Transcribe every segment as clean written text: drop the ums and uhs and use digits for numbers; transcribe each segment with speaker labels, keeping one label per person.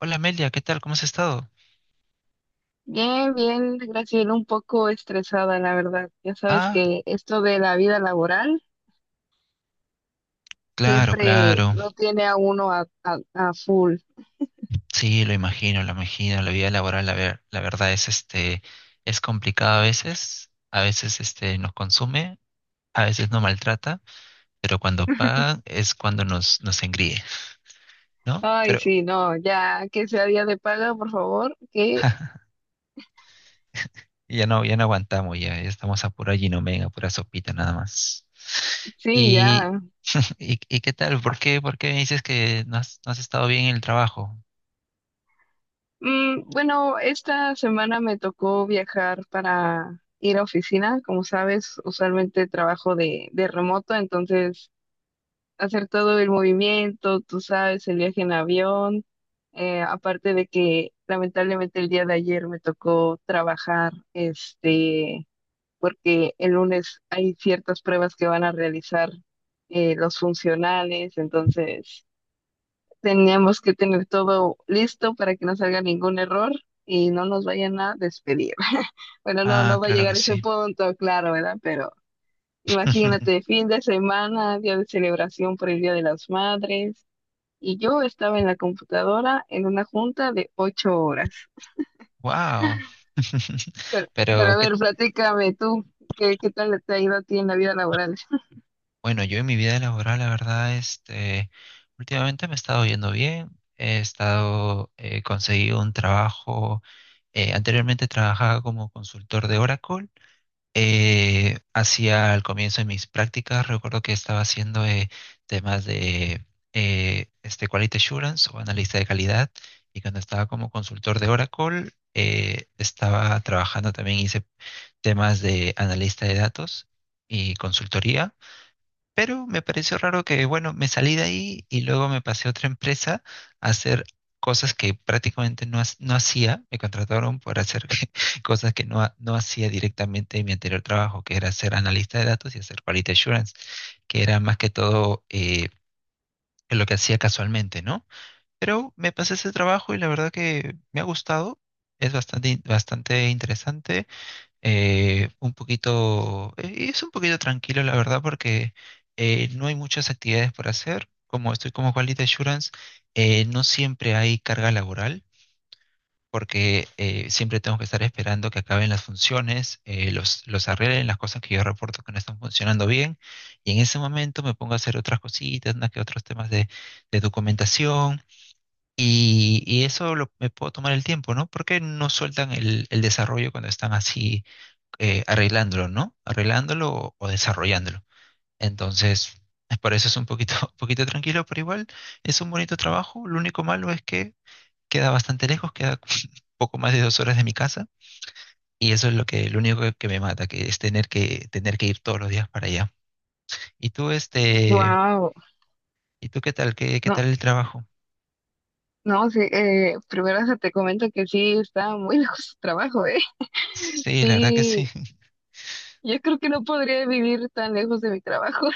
Speaker 1: Hola Amelia, ¿qué tal? ¿Cómo has estado?
Speaker 2: Bien, bien, Graciela, un poco estresada, la verdad. Ya sabes
Speaker 1: Ah,
Speaker 2: que esto de la vida laboral
Speaker 1: claro,
Speaker 2: siempre
Speaker 1: claro.
Speaker 2: lo tiene a uno a full.
Speaker 1: Sí, lo imagino, lo imagino. La vida laboral, la verdad es es complicada a veces. A veces nos consume, a veces nos maltrata, pero cuando pagan es cuando nos engríe, ¿no?
Speaker 2: Ay,
Speaker 1: Pero
Speaker 2: sí, no, ya que sea día de paga, por favor, que
Speaker 1: ya no, ya no aguantamos, ya, ya estamos a pura ginomega, a pura sopita nada más.
Speaker 2: sí,
Speaker 1: Y,
Speaker 2: ya.
Speaker 1: y ¿qué tal? ¿Por qué me dices que no has estado bien en el trabajo?
Speaker 2: Bueno, esta semana me tocó viajar para ir a oficina. Como sabes, usualmente trabajo de remoto, entonces hacer todo el movimiento, tú sabes, el viaje en avión, aparte de que lamentablemente el día de ayer me tocó trabajar, este, porque el lunes hay ciertas pruebas que van a realizar los funcionales, entonces teníamos que tener todo listo para que no salga ningún error y no nos vayan a despedir. Bueno, no,
Speaker 1: Ah,
Speaker 2: no va a
Speaker 1: claro que
Speaker 2: llegar a ese
Speaker 1: sí.
Speaker 2: punto, claro, ¿verdad? Pero imagínate, fin de semana, día de celebración por el Día de las Madres, y yo estaba en la computadora en una junta de 8 horas.
Speaker 1: Wow.
Speaker 2: Pero, pero
Speaker 1: Pero
Speaker 2: a ver,
Speaker 1: que,
Speaker 2: platícame tú, ¿qué tal te ha ido a ti en la vida laboral?
Speaker 1: bueno, yo en mi vida laboral, la verdad, últimamente me he estado yendo bien. He estado, conseguí un trabajo. Anteriormente trabajaba como consultor de Oracle. Hacía al comienzo de mis prácticas, recuerdo que estaba haciendo temas de quality assurance o analista de calidad. Y cuando estaba como consultor de Oracle, estaba trabajando también, hice temas de analista de datos y consultoría, pero me pareció raro que, bueno, me salí de ahí y luego me pasé a otra empresa a hacer cosas que prácticamente no hacía, me contrataron por hacer cosas que no hacía directamente en mi anterior trabajo, que era ser analista de datos y hacer quality assurance, que era más que todo lo que hacía casualmente, ¿no? Pero me pasé ese trabajo y la verdad que me ha gustado, es bastante interesante. Es un poquito tranquilo, la verdad, porque no hay muchas actividades por hacer. Como estoy como Quality Assurance, no siempre hay carga laboral, porque siempre tengo que estar esperando que acaben las funciones, los arreglen, las cosas que yo reporto que no están funcionando bien. Y en ese momento me pongo a hacer otras cositas, unas que otros temas de documentación. Me puedo tomar el tiempo, ¿no? Porque no sueltan el desarrollo cuando están así arreglándolo, ¿no? Arreglándolo o desarrollándolo. Entonces, es por eso es un poquito, un poquito tranquilo, pero igual es un bonito trabajo. Lo único malo es que queda bastante lejos, queda poco más de 2 horas de mi casa. Y eso es lo que, lo único que me mata, que es tener que ir todos los días para allá. ¿Y tú, este,
Speaker 2: Wow,
Speaker 1: ¿y tú qué tal? ¿Qué, qué
Speaker 2: no,
Speaker 1: tal el trabajo?
Speaker 2: no, sí, primero hasta te comento que sí, está muy lejos tu trabajo, ¿eh?
Speaker 1: Sí, la verdad que sí.
Speaker 2: Sí, yo creo que no podría vivir tan lejos de mi trabajo.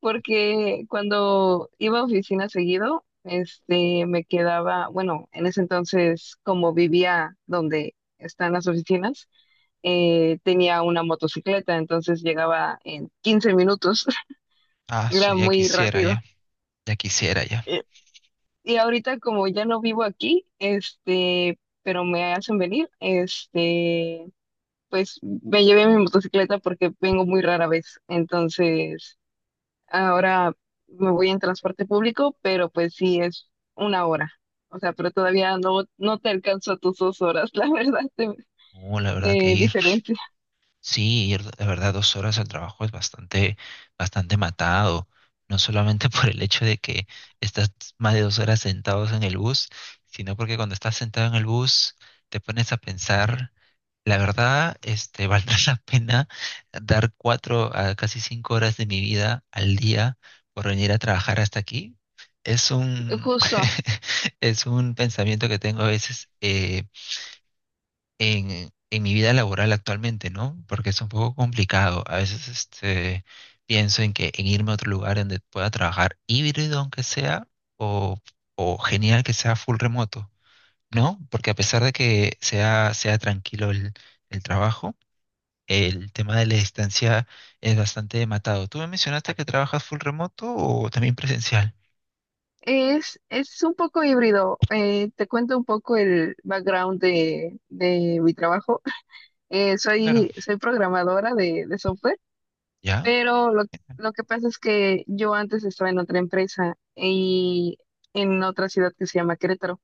Speaker 2: Porque cuando iba a oficina seguido, este, me quedaba, bueno, en ese entonces, como vivía donde están las oficinas, tenía una motocicleta, entonces llegaba en 15 minutos,
Speaker 1: Ah, so,
Speaker 2: era
Speaker 1: ya
Speaker 2: muy
Speaker 1: quisiera,
Speaker 2: rápido.
Speaker 1: ya. Ya quisiera, ya.
Speaker 2: Eh, Y ahorita como ya no vivo aquí, este, pero me hacen venir, este, pues me llevé mi motocicleta porque vengo muy rara vez, entonces ahora me voy en transporte público, pero pues sí es una hora. O sea, pero todavía no te alcanzo a tus 2 horas, la verdad,
Speaker 1: La verdad que
Speaker 2: de
Speaker 1: ir.
Speaker 2: diferencia.
Speaker 1: Sí, ir, la verdad, dos horas al trabajo es bastante, bastante matado. No solamente por el hecho de que estás más de dos horas sentados en el bus, sino porque cuando estás sentado en el bus te pones a pensar, la verdad, valdrá la pena dar 4 a casi 5 horas de mi vida al día por venir a trabajar hasta aquí. Es un,
Speaker 2: Justo.
Speaker 1: es un pensamiento que tengo a veces, en mi vida laboral actualmente, ¿no? Porque es un poco complicado. A veces pienso en que en irme a otro lugar donde pueda trabajar híbrido, aunque sea, o, o genial que sea full remoto, ¿no? Porque a pesar de que sea tranquilo el trabajo, el tema de la distancia es bastante matado. ¿Tú me mencionaste que trabajas full remoto o también presencial?
Speaker 2: Es un poco híbrido. Te cuento un poco el background de mi trabajo. Eh,
Speaker 1: Claro.
Speaker 2: soy, soy programadora de software,
Speaker 1: ¿Ya?
Speaker 2: pero lo que pasa es que yo antes estaba en otra empresa y en otra ciudad que se llama Querétaro.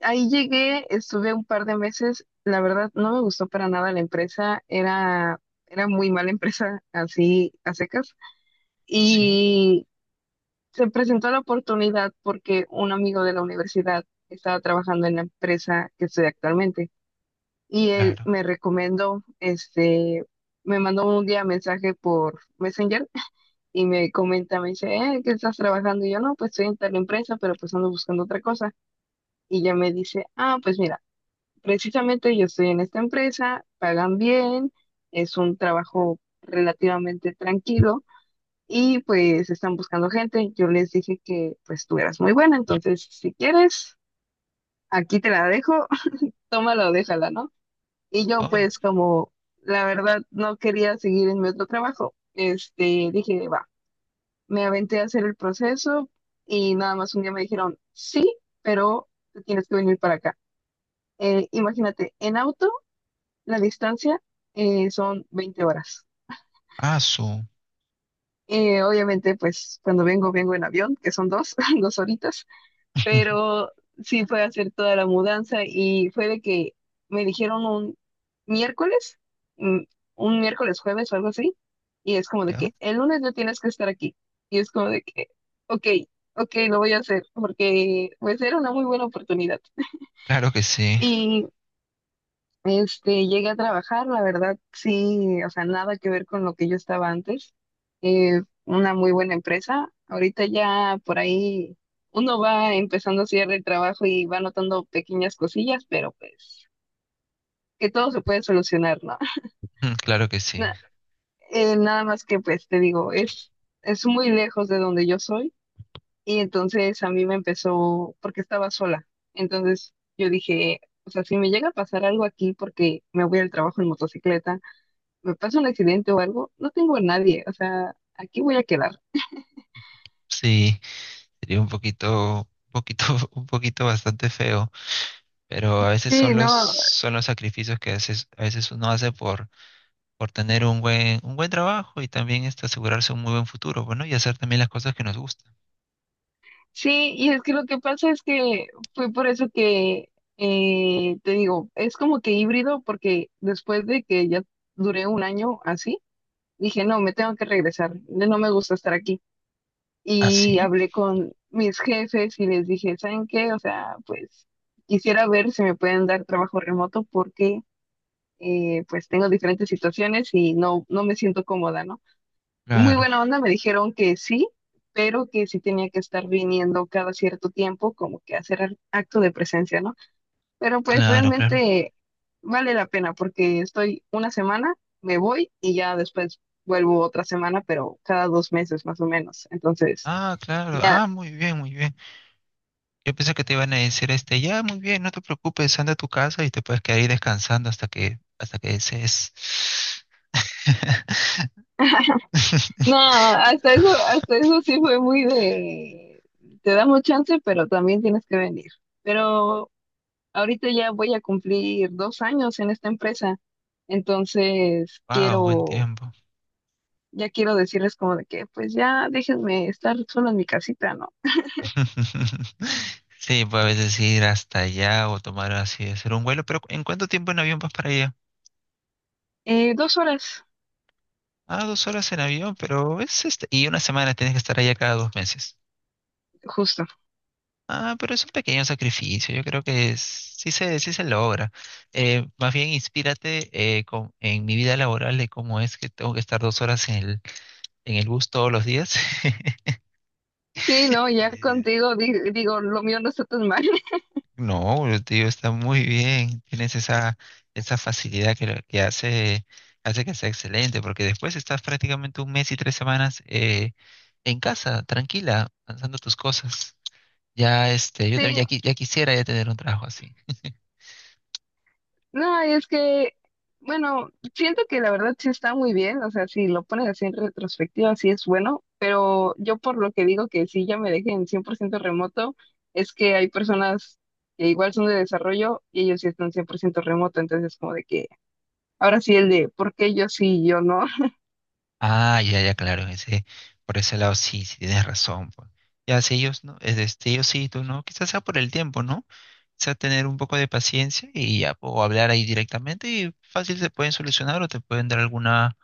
Speaker 2: Ahí llegué, estuve un par de meses, la verdad no me gustó para nada la empresa, era muy mala empresa, así a secas,
Speaker 1: Sí,
Speaker 2: y se presentó la oportunidad porque un amigo de la universidad estaba trabajando en la empresa que estoy actualmente, y él
Speaker 1: claro.
Speaker 2: me recomendó, este, me mandó un día mensaje por Messenger y me comenta, me dice, ¿qué estás trabajando? Y yo, no, pues estoy en tal empresa, pero pues ando buscando otra cosa, y ya me dice, ah, pues mira. Precisamente yo estoy en esta empresa, pagan bien, es un trabajo relativamente tranquilo y pues están buscando gente. Yo les dije que pues tú eras muy buena, entonces si quieres, aquí te la dejo, tómala o déjala, ¿no? Y yo
Speaker 1: Ay,
Speaker 2: pues como la verdad no quería seguir en mi otro trabajo, este, dije, va, me aventé a hacer el proceso y nada más un día me dijeron, sí, pero tú tienes que venir para acá. Imagínate, en auto. La distancia son 20 horas.
Speaker 1: ah, su.
Speaker 2: Obviamente, pues cuando vengo, vengo en avión, que son dos, 2 horitas, pero sí fue a hacer toda la mudanza y fue de que me dijeron un miércoles, mm, un miércoles jueves o algo así, y es como de
Speaker 1: ¿Ya?
Speaker 2: que el lunes no tienes que estar aquí. Y es como de que, ok, ok, lo voy a hacer, porque pues era una muy buena oportunidad.
Speaker 1: Claro que sí.
Speaker 2: Y este, llegué a trabajar, la verdad, sí, o sea, nada que ver con lo que yo estaba antes. Una muy buena empresa. Ahorita ya por ahí uno va empezando a hacer el trabajo y va notando pequeñas cosillas, pero pues que todo se puede solucionar, ¿no?
Speaker 1: Mm, claro que sí.
Speaker 2: Na- Nada más que pues te digo, es muy lejos de donde yo soy y entonces a mí me empezó porque estaba sola. Entonces yo dije, o sea, si me llega a pasar algo aquí porque me voy al trabajo en motocicleta me pasa un accidente o algo, no tengo a nadie, o sea, aquí voy a quedar.
Speaker 1: Sí, sería un poquito, un poquito bastante feo, pero a veces
Speaker 2: Sí, no,
Speaker 1: son los sacrificios que a veces uno hace por tener un buen trabajo y también asegurarse un muy buen futuro, bueno, y hacer también las cosas que nos gustan.
Speaker 2: sí, y es que lo que pasa es que fue por eso que, te digo, es como que híbrido, porque después de que ya duré un año así, dije, no, me tengo que regresar, ya no me gusta estar aquí.
Speaker 1: ¿Ah,
Speaker 2: Y
Speaker 1: sí?
Speaker 2: hablé con mis jefes y les dije, ¿saben qué? O sea, pues quisiera ver si me pueden dar trabajo remoto porque, pues tengo diferentes situaciones y no me siento cómoda, ¿no? Muy
Speaker 1: Claro,
Speaker 2: buena onda, me dijeron que sí, pero que sí tenía que estar viniendo cada cierto tiempo, como que hacer acto de presencia, ¿no? Pero pues
Speaker 1: claro, claro.
Speaker 2: realmente vale la pena porque estoy una semana, me voy y ya después vuelvo otra semana, pero cada 2 meses más o menos. Entonces,
Speaker 1: Ah, claro.
Speaker 2: ya,
Speaker 1: Ah, muy bien, muy bien. Yo pensé que te iban a decir ya, muy bien, no te preocupes, anda a tu casa y te puedes quedar ahí descansando hasta que desees.
Speaker 2: no, hasta eso sí fue muy de, te damos chance, pero también tienes que venir. Pero ahorita ya voy a cumplir 2 años en esta empresa, entonces
Speaker 1: Wow, buen
Speaker 2: quiero,
Speaker 1: tiempo.
Speaker 2: ya quiero decirles como de que, pues ya déjenme estar solo en mi casita, ¿no?
Speaker 1: Sí, pues a veces ir hasta allá o tomar así, hacer un vuelo, pero ¿en cuánto tiempo en avión vas para allá?
Speaker 2: 2 horas,
Speaker 1: Ah, 2 horas en avión, pero es y una semana tienes que estar allá cada 2 meses.
Speaker 2: justo.
Speaker 1: Ah, pero es un pequeño sacrificio, yo creo que sí sí se logra. Más bien inspírate en mi vida laboral de cómo es que tengo que estar 2 horas en en el bus todos los días.
Speaker 2: Sí, no, ya contigo digo, lo mío no está tan mal.
Speaker 1: No, el tío está muy bien. Tienes esa, esa facilidad que, que hace, hace que sea excelente, porque después estás prácticamente un mes y 3 semanas en casa, tranquila, lanzando tus cosas. Ya, yo
Speaker 2: Sí,
Speaker 1: también ya, ya quisiera ya tener un trabajo así.
Speaker 2: no, y es que, bueno, siento que la verdad sí está muy bien, o sea, si lo pones así en retrospectiva, sí es bueno, pero yo por lo que digo que sí ya me dejé en 100% remoto, es que hay personas que igual son de desarrollo y ellos sí están 100% remoto, entonces como de que, ahora sí el de, ¿por qué yo sí y yo no?
Speaker 1: Ah, ya, ya, claro, en ese, por ese lado sí, sí tienes razón, pues. Ya, si ellos no, es de ellos sí, tú no, quizás sea por el tiempo, ¿no? Quizás tener un poco de paciencia y ya, o hablar ahí directamente y fácil se pueden solucionar o te pueden dar alguna,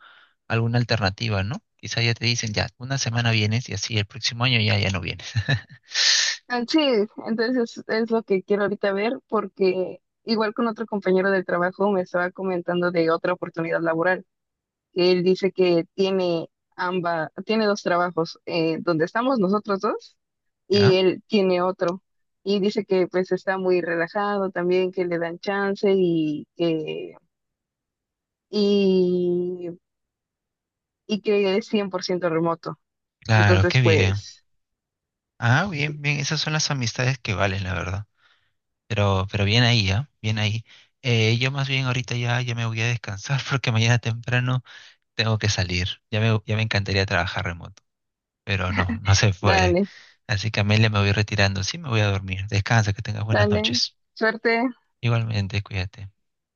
Speaker 1: alguna alternativa, ¿no? Quizás ya te dicen, ya, una semana vienes y así el próximo año ya, ya no vienes.
Speaker 2: Ah, sí, entonces es lo que quiero ahorita ver, porque igual con otro compañero del trabajo me estaba comentando de otra oportunidad laboral. Él dice que tiene dos trabajos, donde estamos nosotros dos y
Speaker 1: ¿Ya?
Speaker 2: él tiene otro. Y dice que pues está muy relajado también, que le dan chance y que, y, y que es 100% remoto.
Speaker 1: Claro,
Speaker 2: Entonces,
Speaker 1: qué bien.
Speaker 2: pues,
Speaker 1: Ah, bien, bien, esas son las amistades que valen, la verdad. Pero bien ahí, ¿ah? Bien ahí. Yo más bien ahorita ya, ya me voy a descansar porque mañana temprano tengo que salir. Ya me encantaría trabajar remoto, pero no, no se puede.
Speaker 2: dale,
Speaker 1: Así que Amelia, me voy retirando. Sí, me voy a dormir. Descansa, que tengas buenas
Speaker 2: dale,
Speaker 1: noches.
Speaker 2: suerte.
Speaker 1: Igualmente, cuídate.